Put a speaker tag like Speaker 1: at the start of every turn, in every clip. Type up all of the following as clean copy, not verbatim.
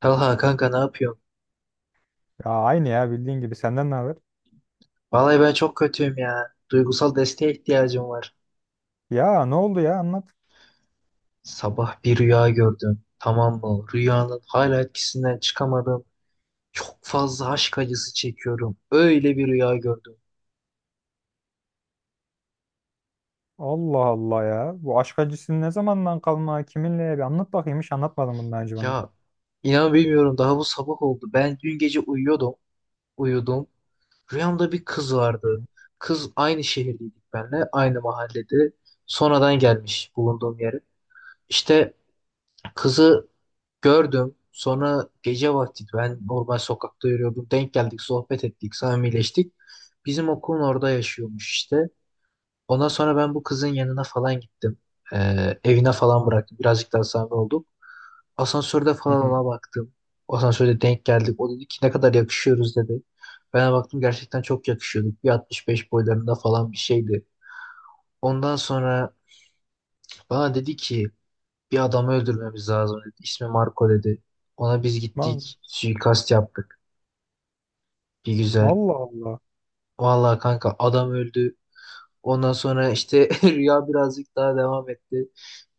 Speaker 1: Talha kanka ne yapıyorsun?
Speaker 2: Ya aynı ya bildiğin gibi senden ne haber?
Speaker 1: Vallahi ben çok kötüyüm ya. Duygusal desteğe ihtiyacım var.
Speaker 2: Ya ne oldu ya anlat.
Speaker 1: Sabah bir rüya gördüm. Tamam mı? Rüyanın hala etkisinden çıkamadım. Çok fazla aşk acısı çekiyorum. Öyle bir rüya gördüm.
Speaker 2: Allah Allah ya. Bu aşk acısı ne zamandan kalma kiminle bir anlat bakayım hiç anlatmadın bundan önce bana.
Speaker 1: Ya inan bilmiyorum, daha bu sabah oldu. Ben dün gece uyuyordum. Uyudum. Rüyamda bir kız
Speaker 2: Hı hı.
Speaker 1: vardı. Kız aynı şehirdeydik benle, aynı mahallede. Sonradan gelmiş bulunduğum yere. İşte kızı Gördüm. Sonra gece vakti ben normal sokakta yürüyordum. Denk geldik, sohbet ettik, samimileştik. Bizim okulun orada yaşıyormuş işte. Ondan sonra ben bu kızın yanına falan gittim. Evine falan
Speaker 2: Tamam.
Speaker 1: bıraktım. Birazcık daha samimi olduk. Asansörde
Speaker 2: Hı
Speaker 1: falan
Speaker 2: hı.
Speaker 1: ona baktım. Asansörde denk geldik. O dedi ki ne kadar yakışıyoruz dedi. Ben de baktım, gerçekten çok yakışıyorduk. Bir 65 boylarında falan bir şeydi. Ondan sonra bana dedi ki bir adamı öldürmemiz lazım dedi. İsmi Marco dedi. Ona biz
Speaker 2: Va-
Speaker 1: gittik. Suikast yaptık. Bir güzel.
Speaker 2: Allah Allah.
Speaker 1: Vallahi kanka adam öldü. Ondan sonra işte rüya birazcık daha devam etti.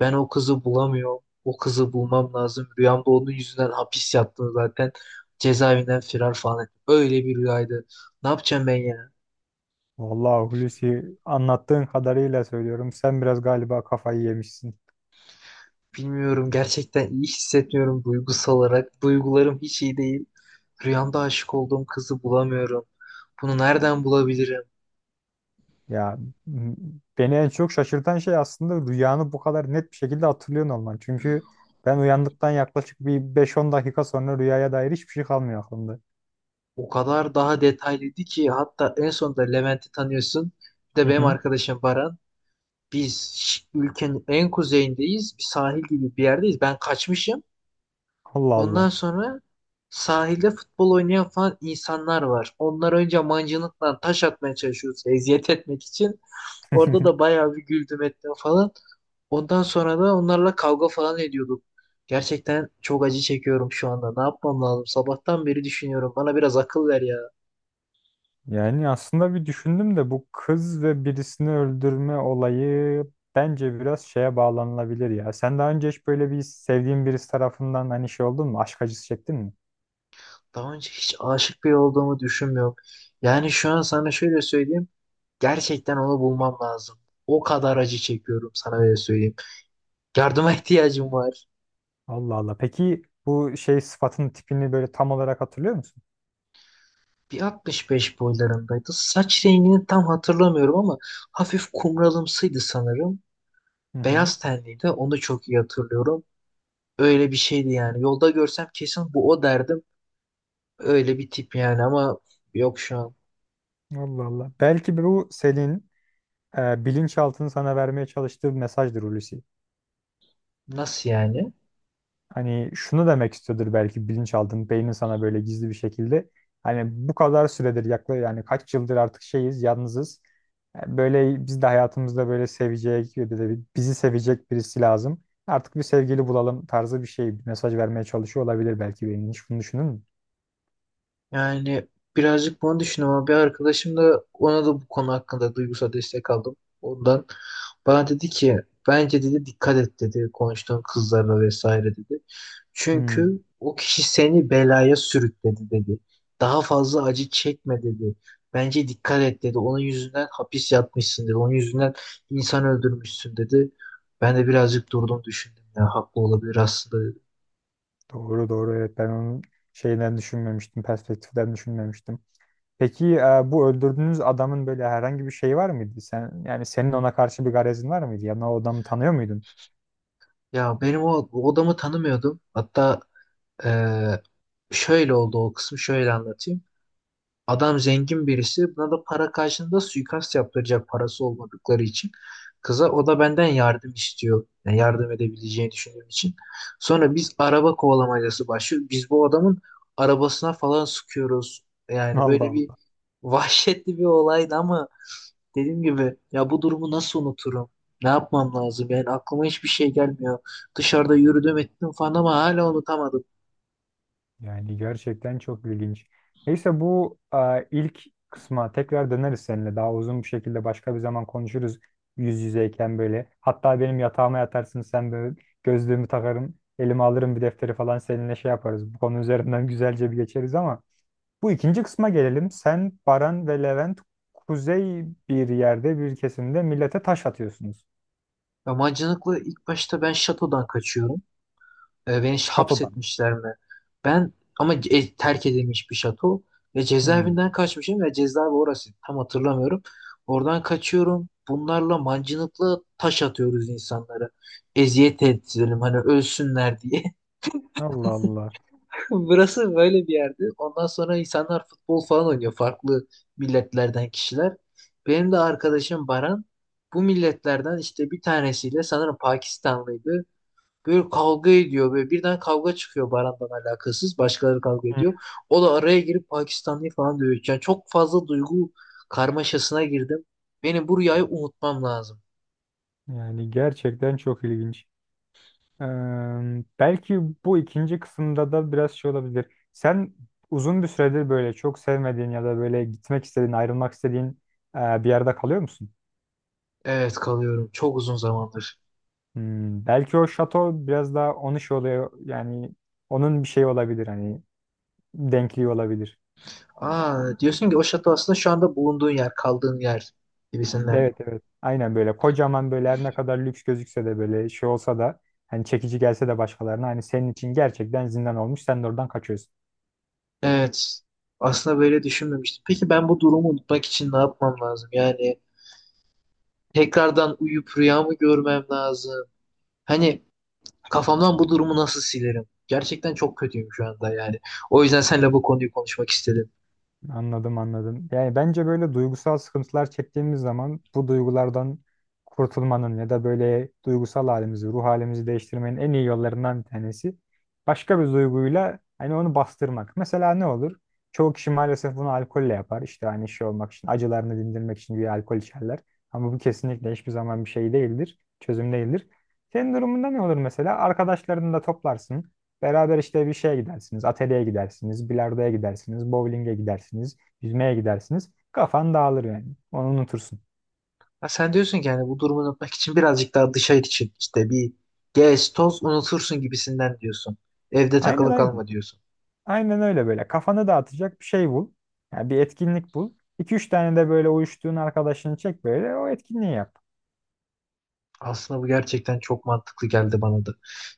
Speaker 1: Ben o kızı bulamıyorum. O kızı bulmam lazım. Rüyamda onun yüzünden hapis yattım zaten. Cezaevinden firar falan ettim. Öyle bir rüyaydı. Ne yapacağım ben ya?
Speaker 2: Vallahi Hulusi anlattığın kadarıyla söylüyorum. Sen biraz galiba kafayı yemişsin.
Speaker 1: Bilmiyorum. Gerçekten iyi hissetmiyorum duygusal olarak. Duygularım hiç iyi değil. Rüyamda aşık olduğum kızı bulamıyorum. Bunu nereden bulabilirim?
Speaker 2: Ya m- beni en çok şaşırtan şey aslında rüyanı bu kadar net bir şekilde hatırlıyorsun olman. Çünkü ben uyandıktan yaklaşık bir beş on dakika sonra rüyaya dair hiçbir şey kalmıyor aklımda.
Speaker 1: O kadar daha detaylıydı ki hatta en sonunda Levent'i tanıyorsun. Bir de
Speaker 2: Hı
Speaker 1: benim
Speaker 2: hı.
Speaker 1: arkadaşım Baran. Ülkenin en kuzeyindeyiz. Bir sahil gibi bir yerdeyiz. Ben kaçmışım.
Speaker 2: Allah
Speaker 1: Ondan
Speaker 2: Allah.
Speaker 1: sonra sahilde futbol oynayan falan insanlar var. Onlar önce mancınıkla taş atmaya çalışıyoruz. Eziyet etmek için. Orada da bayağı bir güldüm ettim falan. Ondan sonra da onlarla kavga falan ediyorduk. Gerçekten çok acı çekiyorum şu anda. Ne yapmam lazım? Sabahtan beri düşünüyorum. Bana biraz akıl ver ya.
Speaker 2: Yani aslında bir düşündüm de bu kız ve birisini öldürme olayı bence biraz şeye bağlanılabilir ya. Sen daha önce hiç böyle bir sevdiğin birisi tarafından hani şey oldun mu? Aşk acısı çektin mi?
Speaker 1: Daha önce hiç aşık biri olduğumu düşünmüyorum. Yani şu an sana şöyle söyleyeyim. Gerçekten onu bulmam lazım. O kadar acı çekiyorum sana öyle söyleyeyim. Yardıma ihtiyacım var.
Speaker 2: Allah Allah. Peki bu şey sıfatın tipini böyle tam olarak hatırlıyor musun?
Speaker 1: Bir 65 boylarındaydı. Saç rengini tam hatırlamıyorum ama hafif kumralımsıydı sanırım.
Speaker 2: Hı hı.
Speaker 1: Beyaz tenliydi. Onu çok iyi hatırlıyorum. Öyle bir şeydi yani. Yolda görsem kesin bu o derdim. Öyle bir tip yani ama yok şu an.
Speaker 2: Allah Allah. Belki bu senin bilinçaltının sana vermeye çalıştığı bir mesajdır Hulusi.
Speaker 1: Nasıl yani?
Speaker 2: Hani şunu demek istiyordur belki bilinçaltın, beynin sana böyle gizli bir şekilde. Hani bu kadar süredir yaklaşık yani kaç yıldır artık şeyiz, yalnızız. Yani böyle biz de hayatımızda böyle sevecek, bir de bizi sevecek birisi lazım. Artık bir sevgili bulalım tarzı bir şey, bir mesaj vermeye çalışıyor olabilir belki beynin. Hiç bunu düşündün mü?
Speaker 1: Yani birazcık bunu düşündüm ama bir arkadaşım da, ona da bu konu hakkında duygusal destek aldım. Ondan bana dedi ki bence dedi dikkat et dedi konuştuğun kızlarla vesaire dedi.
Speaker 2: Hmm,
Speaker 1: Çünkü o kişi seni belaya sürükledi dedi. Daha fazla acı çekme dedi. Bence dikkat et dedi. Onun yüzünden hapis yatmışsın dedi. Onun yüzünden insan öldürmüşsün dedi. Ben de birazcık durdum düşündüm ya haklı olabilir aslında dedi.
Speaker 2: doğru doğru evet ben onun şeyden düşünmemiştim, perspektiften düşünmemiştim. Peki bu öldürdüğünüz adamın böyle herhangi bir şeyi var mıydı? Sen yani senin ona karşı bir garezin var mıydı? Yani o adamı tanıyor muydun?
Speaker 1: Ya benim o adamı tanımıyordum. Hatta Ee, şöyle oldu, o kısmı şöyle anlatayım. Adam zengin birisi, buna da para karşılığında suikast yaptıracak parası olmadıkları için. Kıza o da benden yardım istiyor. Yani yardım edebileceğini düşündüğüm için. Sonra biz araba kovalamacası başlıyor. Biz bu adamın arabasına falan sıkıyoruz. Yani
Speaker 2: Allah
Speaker 1: böyle bir
Speaker 2: Allah.
Speaker 1: vahşetli bir olaydı ama dediğim gibi ya bu durumu nasıl unuturum? Ne yapmam lazım? Yani aklıma hiçbir şey gelmiyor. Dışarıda yürüdüm ettim falan ama hala unutamadım.
Speaker 2: Yani gerçekten çok ilginç. Neyse bu ilk kısma tekrar döneriz seninle. Daha uzun bir şekilde başka bir zaman konuşuruz yüz yüzeyken böyle. Hatta benim yatağıma yatarsın sen böyle gözlüğümü takarım, elime alırım bir defteri falan seninle şey yaparız. Bu konu üzerinden güzelce bir geçeriz ama bu ikinci kısma gelelim. Sen, Baran ve Levent kuzey bir yerde bir kesimde millete taş atıyorsunuz.
Speaker 1: Yabancılıkla ilk başta ben şatodan kaçıyorum.
Speaker 2: Şatodan.
Speaker 1: Hapsetmişler mi? Ben ama terk edilmiş bir şato ve
Speaker 2: Hmm.
Speaker 1: cezaevinden kaçmışım ve cezaevi orası tam hatırlamıyorum. Oradan kaçıyorum. Bunlarla mancınıkla taş atıyoruz insanlara. Eziyet edelim hani ölsünler diye.
Speaker 2: Allah Allah.
Speaker 1: Burası böyle bir yerdi. Ondan sonra insanlar futbol falan oynuyor. Farklı milletlerden kişiler. Benim de arkadaşım Baran bu milletlerden işte bir tanesiyle, sanırım Pakistanlıydı. Böyle kavga ediyor ve birden kavga çıkıyor Baran'dan alakasız. Başkaları kavga
Speaker 2: Hmm.
Speaker 1: ediyor. O da araya girip Pakistanlıyı falan dövüyor. Yani çok fazla duygu karmaşasına girdim. Benim bu rüyayı unutmam lazım.
Speaker 2: Yani gerçekten çok ilginç. Eee, Belki bu ikinci kısımda da biraz şey olabilir. Sen uzun bir süredir böyle çok sevmediğin ya da böyle gitmek istediğin, ayrılmak istediğin bir yerde kalıyor musun?
Speaker 1: Evet kalıyorum. Çok uzun zamandır.
Speaker 2: Hmm, belki o şato biraz daha onun şey oluyor yani onun bir şeyi olabilir hani denkliği olabilir.
Speaker 1: Aa, diyorsun ki o şato aslında şu anda bulunduğun yer, kaldığın yer gibisinden.
Speaker 2: Evet evet aynen böyle kocaman böyle her ne kadar lüks gözükse de böyle şey olsa da hani çekici gelse de başkalarına hani senin için gerçekten zindan olmuş sen de oradan kaçıyorsun.
Speaker 1: Evet. Aslında böyle düşünmemiştim. Peki ben bu durumu unutmak için ne yapmam lazım? Yani tekrardan uyup rüyamı görmem lazım. Hani kafamdan bu durumu nasıl silerim? Gerçekten çok kötüyüm şu anda yani. O yüzden seninle bu konuyu konuşmak istedim.
Speaker 2: Anladım anladım. Yani bence böyle duygusal sıkıntılar çektiğimiz zaman bu duygulardan kurtulmanın ya da böyle duygusal halimizi, ruh halimizi değiştirmenin en iyi yollarından bir tanesi başka bir duyguyla hani onu bastırmak. Mesela ne olur? Çoğu kişi maalesef bunu alkolle yapar. İşte hani şey olmak için, acılarını dindirmek için bir alkol içerler. Ama bu kesinlikle hiçbir zaman bir şey değildir, çözüm değildir. Senin durumunda ne olur mesela? Arkadaşlarını da toplarsın. Beraber işte bir şeye gidersiniz, atölyeye gidersiniz, bilardoya gidersiniz, bowling'e gidersiniz, yüzmeye gidersiniz. Kafan dağılır yani. Onu unutursun.
Speaker 1: Ha, sen diyorsun ki yani bu durumu unutmak için birazcık daha dışarı için işte bir gez toz unutursun gibisinden diyorsun. Evde
Speaker 2: Aynen
Speaker 1: takılı
Speaker 2: aynen.
Speaker 1: kalma diyorsun.
Speaker 2: Aynen öyle böyle. Kafanı dağıtacak bir şey bul. Yani bir etkinlik bul. İki üç tane de böyle uyuştuğun arkadaşını çek böyle o etkinliği yap.
Speaker 1: Aslında bu gerçekten çok mantıklı geldi bana da.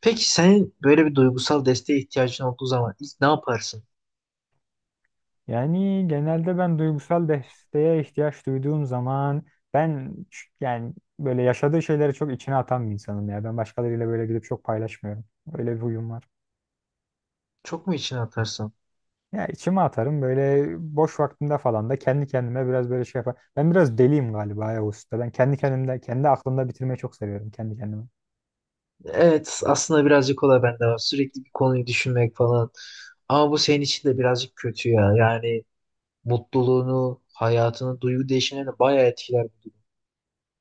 Speaker 1: Peki senin böyle bir duygusal desteğe ihtiyacın olduğu zaman ilk ne yaparsın?
Speaker 2: Yani genelde ben duygusal desteğe ihtiyaç duyduğum zaman ben yani böyle yaşadığı şeyleri çok içine atan bir insanım ya. Ben başkalarıyla böyle gidip çok paylaşmıyorum. Öyle bir huyum var.
Speaker 1: Çok mu içine atarsın?
Speaker 2: Ya içime atarım böyle boş vaktimde falan da kendi kendime biraz böyle şey yapar. Ben biraz deliyim galiba ya usta. Ben kendi kendimde kendi aklımda bitirmeyi çok seviyorum kendi kendime.
Speaker 1: Evet, aslında birazcık o da bende var. Sürekli bir konuyu düşünmek falan. Ama bu senin için de birazcık kötü ya. Yani mutluluğunu, hayatını, duygu değişimlerini bayağı etkiler bu.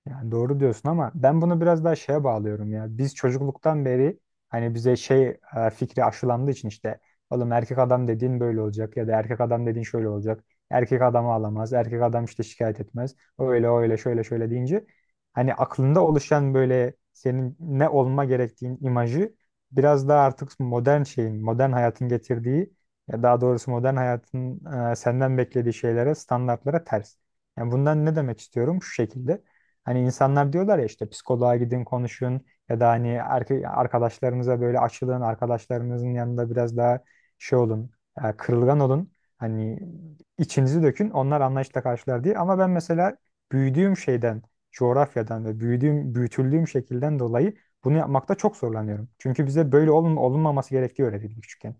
Speaker 2: Yani doğru diyorsun ama ben bunu biraz daha şeye bağlıyorum ya. Biz çocukluktan beri hani bize şey fikri aşılandığı için işte oğlum erkek adam dediğin böyle olacak ya da erkek adam dediğin şöyle olacak. Erkek adamı alamaz. Erkek adam işte şikayet etmez. Öyle öyle şöyle şöyle deyince hani aklında oluşan böyle senin ne olma gerektiğin imajı biraz daha artık modern şeyin, modern hayatın getirdiği ya daha doğrusu modern hayatın senden beklediği şeylere, standartlara ters. Yani bundan ne demek istiyorum? Şu şekilde. Hani insanlar diyorlar ya işte psikoloğa gidin konuşun ya da hani arkadaşlarınıza böyle açılın, arkadaşlarınızın yanında biraz daha şey olun, kırılgan olun. Hani içinizi dökün, onlar anlayışla karşılar diye. Ama ben mesela büyüdüğüm şeyden, coğrafyadan ve büyüdüğüm, büyütüldüğüm şekilden dolayı bunu yapmakta çok zorlanıyorum. Çünkü bize böyle olun, olunmaması gerektiği öğretildi küçükken.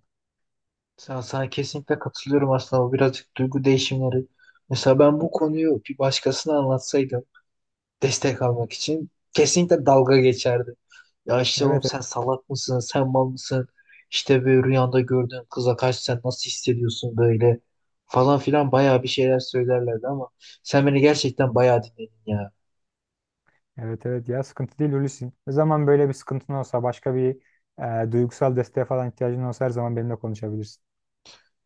Speaker 1: Sana kesinlikle katılıyorum, aslında bu birazcık duygu değişimleri. Mesela ben bu konuyu bir başkasına anlatsaydım destek almak için kesinlikle dalga geçerdi. Ya işte oğlum
Speaker 2: Evet, evet,
Speaker 1: sen salak mısın, sen mal mısın? İşte böyle rüyanda gördüğün kıza karşı sen nasıl hissediyorsun böyle falan filan bayağı bir şeyler söylerlerdi ama sen beni gerçekten bayağı dinledin ya.
Speaker 2: evet, evet ya sıkıntı değil Hulusi. Ne zaman böyle bir sıkıntın olsa başka bir duygusal desteğe falan ihtiyacın olsa her zaman benimle konuşabilirsin.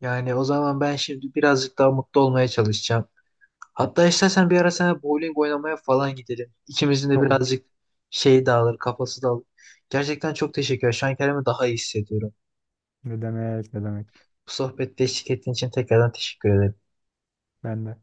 Speaker 1: Yani o zaman ben şimdi birazcık daha mutlu olmaya çalışacağım. Hatta istersen bir ara sana bowling oynamaya falan gidelim. İkimizin de
Speaker 2: Olur.
Speaker 1: birazcık şey dağılır, kafası dağılır. Gerçekten çok teşekkür ederim. Şu an kendimi daha iyi hissediyorum.
Speaker 2: Ne demek, ne demek.
Speaker 1: Bu sohbette eşlik ettiğin için tekrardan teşekkür ederim.
Speaker 2: Ben de.